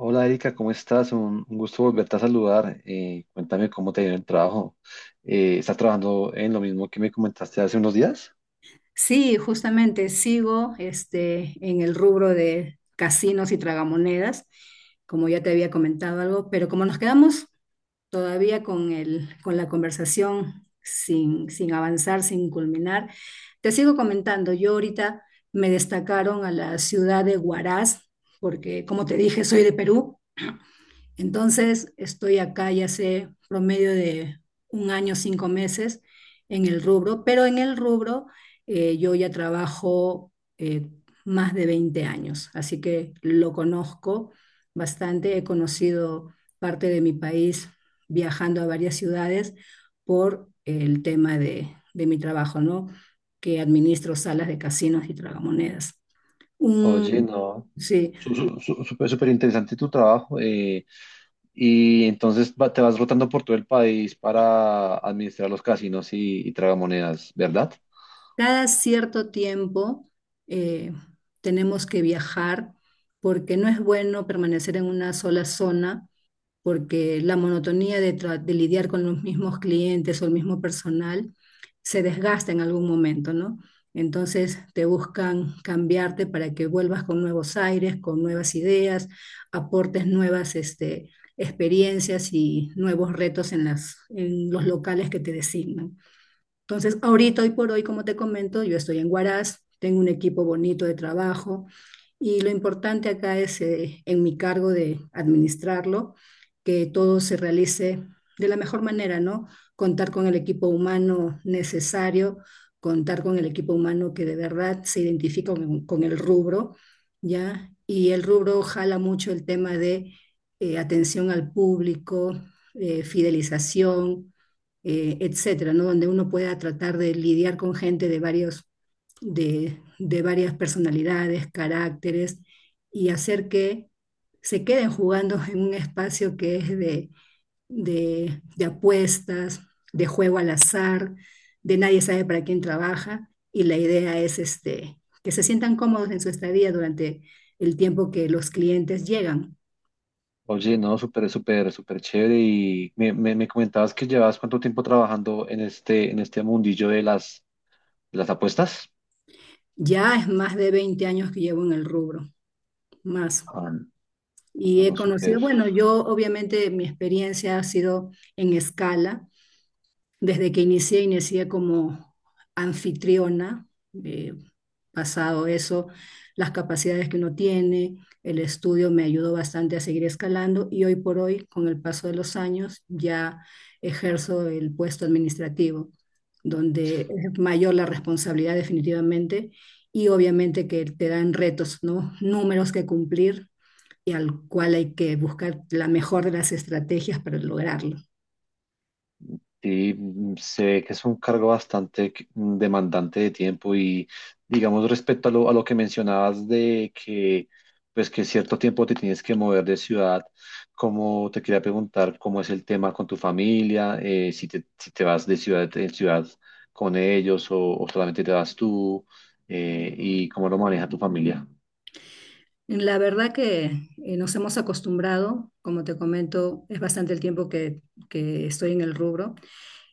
Hola Erika, ¿cómo estás? Un gusto volverte a saludar. Cuéntame cómo te ha ido el trabajo. ¿Estás trabajando en lo mismo que me comentaste hace unos días? Sí, justamente sigo este, en el rubro de casinos y tragamonedas, como ya te había comentado algo, pero como nos quedamos todavía con la conversación sin avanzar, sin culminar, te sigo comentando. Yo ahorita me destacaron a la ciudad de Huaraz, porque como te dije, soy de Perú. Entonces, estoy acá ya hace promedio de un año, 5 meses en el rubro, pero en el rubro yo ya trabajo eh, más de 20 años, así que lo conozco bastante, he conocido parte de mi país viajando a varias ciudades por el tema de mi trabajo, ¿no? Que administro salas de casinos y tragamonedas. Oye, Un, no. sí. Súper súper interesante tu trabajo. Y entonces te vas rotando por todo el país para administrar los casinos y tragamonedas, ¿verdad? Cada cierto tiempo, eh, tenemos que viajar porque no es bueno permanecer en una sola zona, porque la monotonía de lidiar con los mismos clientes o el mismo personal se desgasta en algún momento, ¿no? Entonces te buscan cambiarte para que vuelvas con nuevos aires, con nuevas ideas, aportes nuevas experiencias y nuevos retos en en los locales que te designan. Entonces, ahorita, hoy por hoy, como te comento, yo estoy en Huaraz, tengo un equipo bonito de trabajo y lo importante acá es, en mi cargo de administrarlo, que todo se realice de la mejor manera, ¿no? Contar con el equipo humano necesario, contar con el equipo humano que de verdad se identifica con el rubro, ¿ya? Y el rubro jala mucho el tema de, atención al público, fidelización, etcétera, ¿no? Donde uno pueda tratar de lidiar con gente de varias personalidades, caracteres, y hacer que se queden jugando en un espacio que es de apuestas, de juego al azar, de nadie sabe para quién trabaja, y la idea es que se sientan cómodos en su estadía durante el tiempo que los clientes llegan. Oye, no, súper, súper, súper chévere. Y me comentabas que llevas cuánto tiempo trabajando en en este mundillo de de las apuestas. Ya es más de 20 años que llevo en el rubro, más. Ah, Y he no, conocido, súper. bueno, yo obviamente mi experiencia ha sido en escala. Desde que inicié como anfitriona, eh, pasado eso, las capacidades que uno tiene, el estudio me ayudó bastante a seguir escalando y hoy por hoy, con el paso de los años, ya ejerzo el puesto administrativo, donde es mayor la responsabilidad definitivamente y obviamente que te dan retos, ¿no? Números que cumplir y al cual hay que buscar la mejor de las estrategias para lograrlo. Sí, se ve que es un cargo bastante demandante de tiempo y digamos respecto a a lo que mencionabas de que pues que cierto tiempo te tienes que mover de ciudad, como te quería preguntar cómo es el tema con tu familia, si te vas de ciudad en ciudad con ellos o solamente te vas tú, y cómo lo maneja tu familia. La verdad que, nos hemos acostumbrado, como te comento, es bastante el tiempo que estoy en el rubro.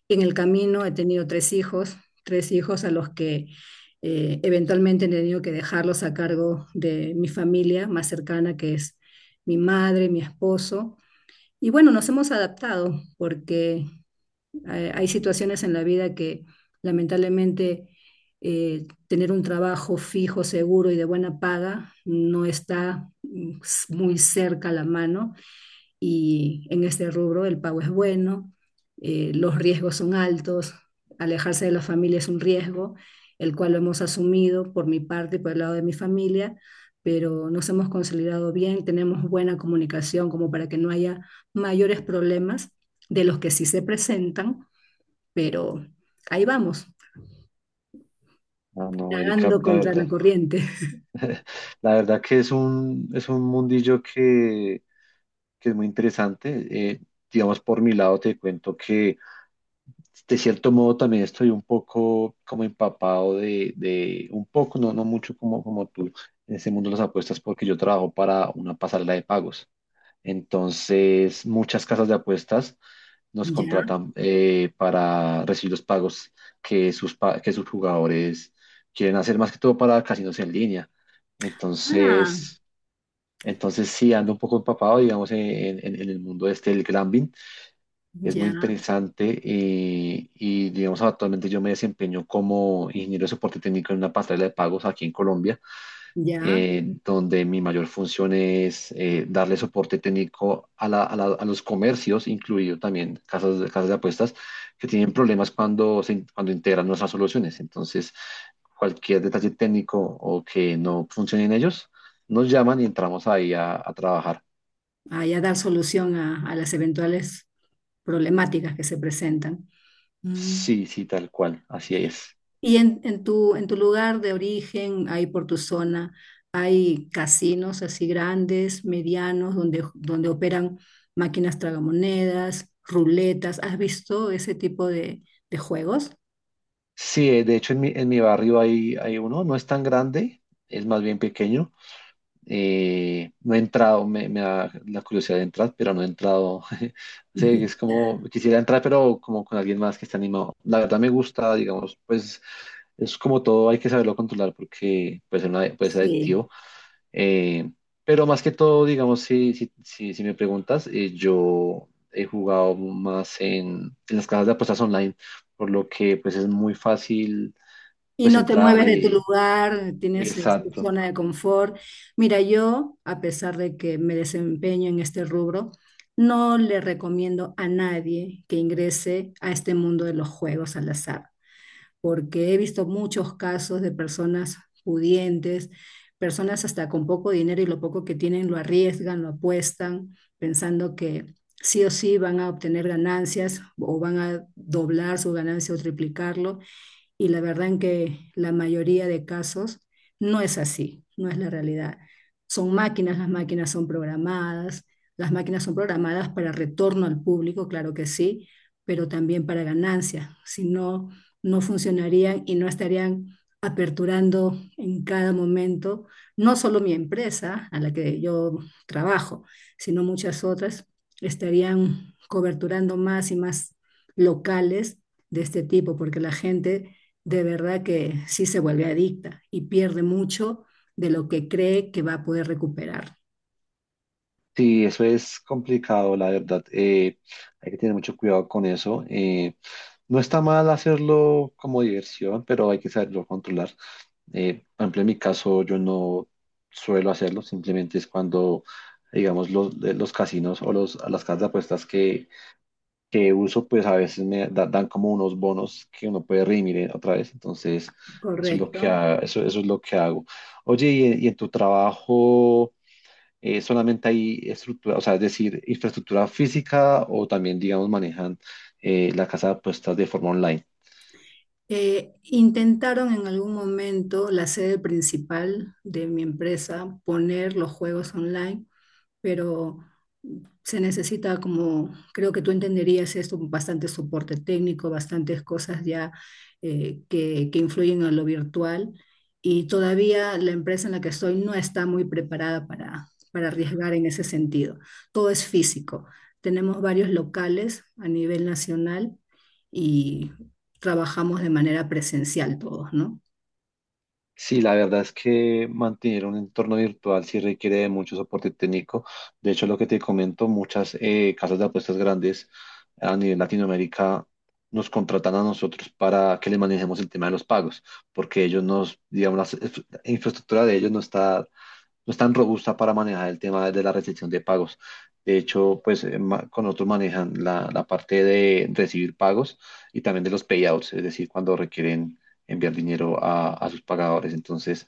En el camino he tenido tres hijos, a los que eventualmente he tenido que dejarlos a cargo de mi familia más cercana, que es mi madre, mi esposo. Y bueno, nos hemos adaptado porque, hay situaciones en la vida que lamentablemente, tener un trabajo fijo, seguro y de buena paga no está, muy cerca a la mano, y en este rubro el pago es bueno, los riesgos son altos, alejarse de la familia es un riesgo, el cual lo hemos asumido por mi parte y por el lado de mi familia, pero nos hemos consolidado bien, tenemos buena comunicación como para que no haya mayores problemas de los que sí se presentan, pero ahí vamos, Ah, no, Erika, nadando contra la corriente. la verdad que es es un mundillo que es muy interesante. Digamos, por mi lado te cuento que de cierto modo también estoy un poco como empapado de un poco, no, no mucho como, como tú, en ese mundo de las apuestas porque yo trabajo para una pasarela de pagos. Entonces, muchas casas de apuestas nos Ya, contratan, para recibir los pagos que que sus jugadores quieren hacer, más que todo para casinos en línea. ah, Entonces, entonces sí, ando un poco empapado, digamos, en el mundo este del gambling. Es muy ya, interesante, y, digamos, actualmente yo me desempeño como ingeniero de soporte técnico en una pasarela de pagos aquí en Colombia, ya, donde mi mayor función es, darle soporte técnico a los comercios, incluido también casas de apuestas, que tienen problemas cuando integran nuestras soluciones. Entonces, cualquier detalle técnico o que no funcione en ellos, nos llaman y entramos ahí a trabajar. ah, ya dar solución a las eventuales problemáticas que se presentan. Mm. Sí, sí, tal cual, así es. Y en tu lugar de origen, ahí por tu zona, hay casinos así grandes, medianos, donde operan máquinas tragamonedas, ruletas. ¿Has visto ese tipo de juegos? Sí, de hecho en en mi barrio hay uno, no es tan grande, es más bien pequeño. No he entrado, me da la curiosidad de entrar, pero no he entrado. Sí, es como, quisiera entrar, pero como con alguien más que esté animado. La verdad me gusta, digamos, pues es como todo, hay que saberlo controlar porque puede ser Sí. adictivo. Eh, pero más que todo, digamos, si me preguntas, yo he jugado más en las casas de apuestas online, por lo que pues es muy fácil Y pues no te entrar mueves de tu y... lugar, tienes, tu Exacto. zona de confort. Mira, yo, a pesar de que me desempeño en este rubro, no le recomiendo a nadie que ingrese a este mundo de los juegos al azar, porque he visto muchos casos de personas pudientes, personas hasta con poco dinero y lo poco que tienen lo arriesgan, lo apuestan, pensando que sí o sí van a obtener ganancias o van a doblar su ganancia o triplicarlo, y la verdad en que la mayoría de casos no es así, no es la realidad. Son máquinas, las máquinas son programadas, las máquinas son programadas para retorno al público, claro que sí, pero también para ganancia. Si no, no funcionarían y no estarían aperturando en cada momento, no solo mi empresa a la que yo trabajo, sino muchas otras, estarían coberturando más y más locales de este tipo, porque la gente de verdad que sí se vuelve adicta y pierde mucho de lo que cree que va a poder recuperar. Sí, eso es complicado, la verdad. Hay que tener mucho cuidado con eso. No está mal hacerlo como diversión, pero hay que saberlo controlar. Por ejemplo, en mi caso, yo no suelo hacerlo, simplemente es cuando, digamos, los casinos o las casas de apuestas que uso, pues a veces dan como unos bonos que uno puede redimir, otra vez. Entonces, eso es Correcto. Eso es lo que hago. Oye, y en tu trabajo, solamente hay estructura, o sea, es decir, infraestructura física o también, digamos, manejan, la casa de apuestas de forma online. Intentaron en algún momento la sede principal de mi empresa poner los juegos online, pero se necesita como, creo que tú entenderías esto, bastante soporte técnico, bastantes cosas ya, que influyen en lo virtual, y todavía la empresa en la que estoy no está muy preparada para arriesgar en ese sentido. Todo es físico. Tenemos varios locales a nivel nacional y trabajamos de manera presencial todos, ¿no? Sí, la verdad es que mantener un entorno virtual sí requiere de mucho soporte técnico. De hecho, lo que te comento, muchas, casas de apuestas grandes a nivel Latinoamérica nos contratan a nosotros para que les manejemos el tema de los pagos, porque ellos nos, digamos, infraestructura de ellos no está, no es tan robusta para manejar el tema de la recepción de pagos. De hecho, pues, con otros manejan la parte de recibir pagos y también de los payouts, es decir, cuando requieren enviar dinero a sus pagadores. Entonces,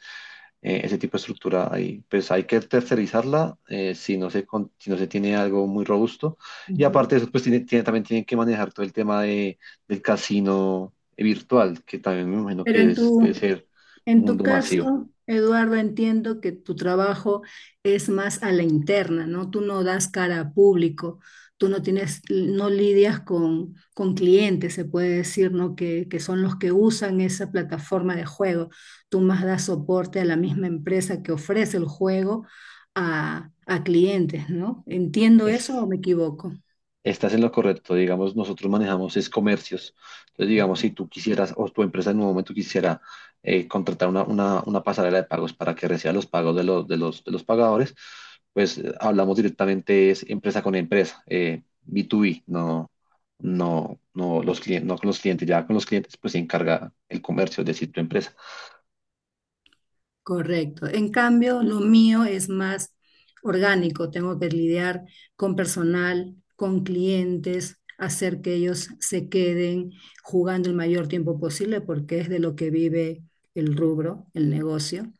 ese tipo de estructura ahí, pues hay que tercerizarla, si no se, si no se tiene algo muy robusto. Y Ujú. aparte de eso, pues también tienen que manejar todo el tema de, del casino virtual, que también me imagino Pero que en es, debe tu, ser En un tu mundo masivo. caso, Eduardo, entiendo que tu trabajo es más a la interna, ¿no? Tú no das cara a público, tú no tienes, no lidias con clientes, se puede decir, ¿no? Que son los que usan esa plataforma de juego. Tú más das soporte a la misma empresa que ofrece el juego a clientes, ¿no? ¿Entiendo eso o me equivoco? Estás en lo correcto. Digamos, nosotros manejamos es comercios. Entonces, digamos, si tú quisieras o tu empresa en un momento quisiera, contratar una pasarela de pagos para que reciba los pagos de los pagadores, pues, hablamos directamente es empresa con empresa, B2B, no, no, no, los clientes, no con los clientes. Ya con los clientes, pues se encarga el comercio, es decir, tu empresa. Correcto. En cambio, lo mío es más orgánico. Tengo que lidiar con personal, con clientes, hacer que ellos se queden jugando el mayor tiempo posible porque es de lo que vive el rubro, el negocio.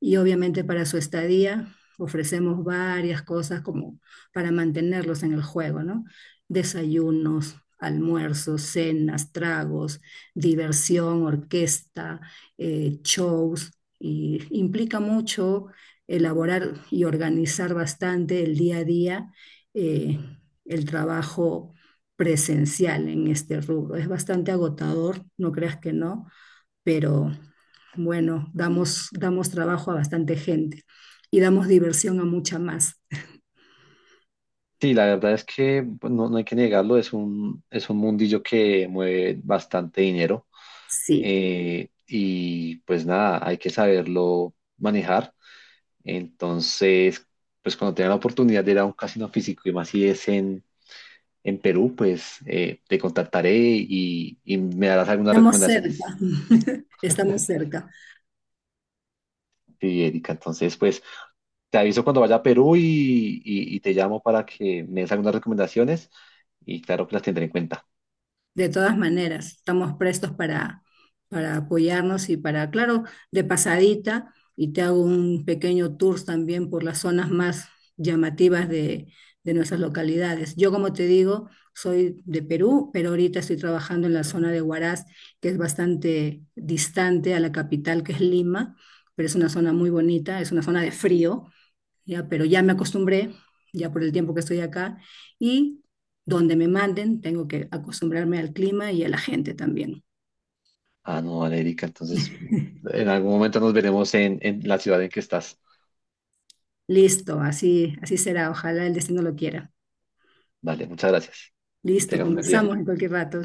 Y obviamente para su estadía ofrecemos varias cosas como para mantenerlos en el juego, ¿no? Desayunos, almuerzos, cenas, tragos, diversión, orquesta, shows, y implica mucho elaborar y organizar bastante el día a día, eh, el trabajo presencial en este rubro. Es bastante agotador, no creas que no, pero bueno, damos trabajo a bastante gente y damos diversión a mucha más. Sí, la verdad es que pues, no, no hay que negarlo, es es un mundillo que mueve bastante dinero. Sí, Y pues nada, hay que saberlo manejar. Entonces, pues cuando tenga la oportunidad de ir a un casino físico y más si es en Perú, pues, te contactaré y me darás algunas estamos cerca, recomendaciones. estamos cerca. Sí, Erika, entonces pues te aviso cuando vaya a Perú y te llamo para que me des algunas recomendaciones y claro que las tendré en cuenta. De todas maneras, estamos prestos para apoyarnos y para, claro, de pasadita, y te hago un pequeño tour también por las zonas más llamativas de nuestras localidades. Yo, como te digo, soy de Perú, pero ahorita estoy trabajando en la zona de Huaraz, que es bastante distante a la capital, que es Lima, pero es una zona muy bonita, es una zona de frío, ya, pero ya me acostumbré, ya por el tiempo que estoy acá, y donde me manden, tengo que acostumbrarme al clima y a la gente también. Ah, no, vale, Erika, entonces en algún momento nos veremos en la ciudad en que estás. Listo, así, así será, ojalá el destino lo quiera. Vale, muchas gracias. Que Listo, tengas un buen día. conversamos en cualquier rato.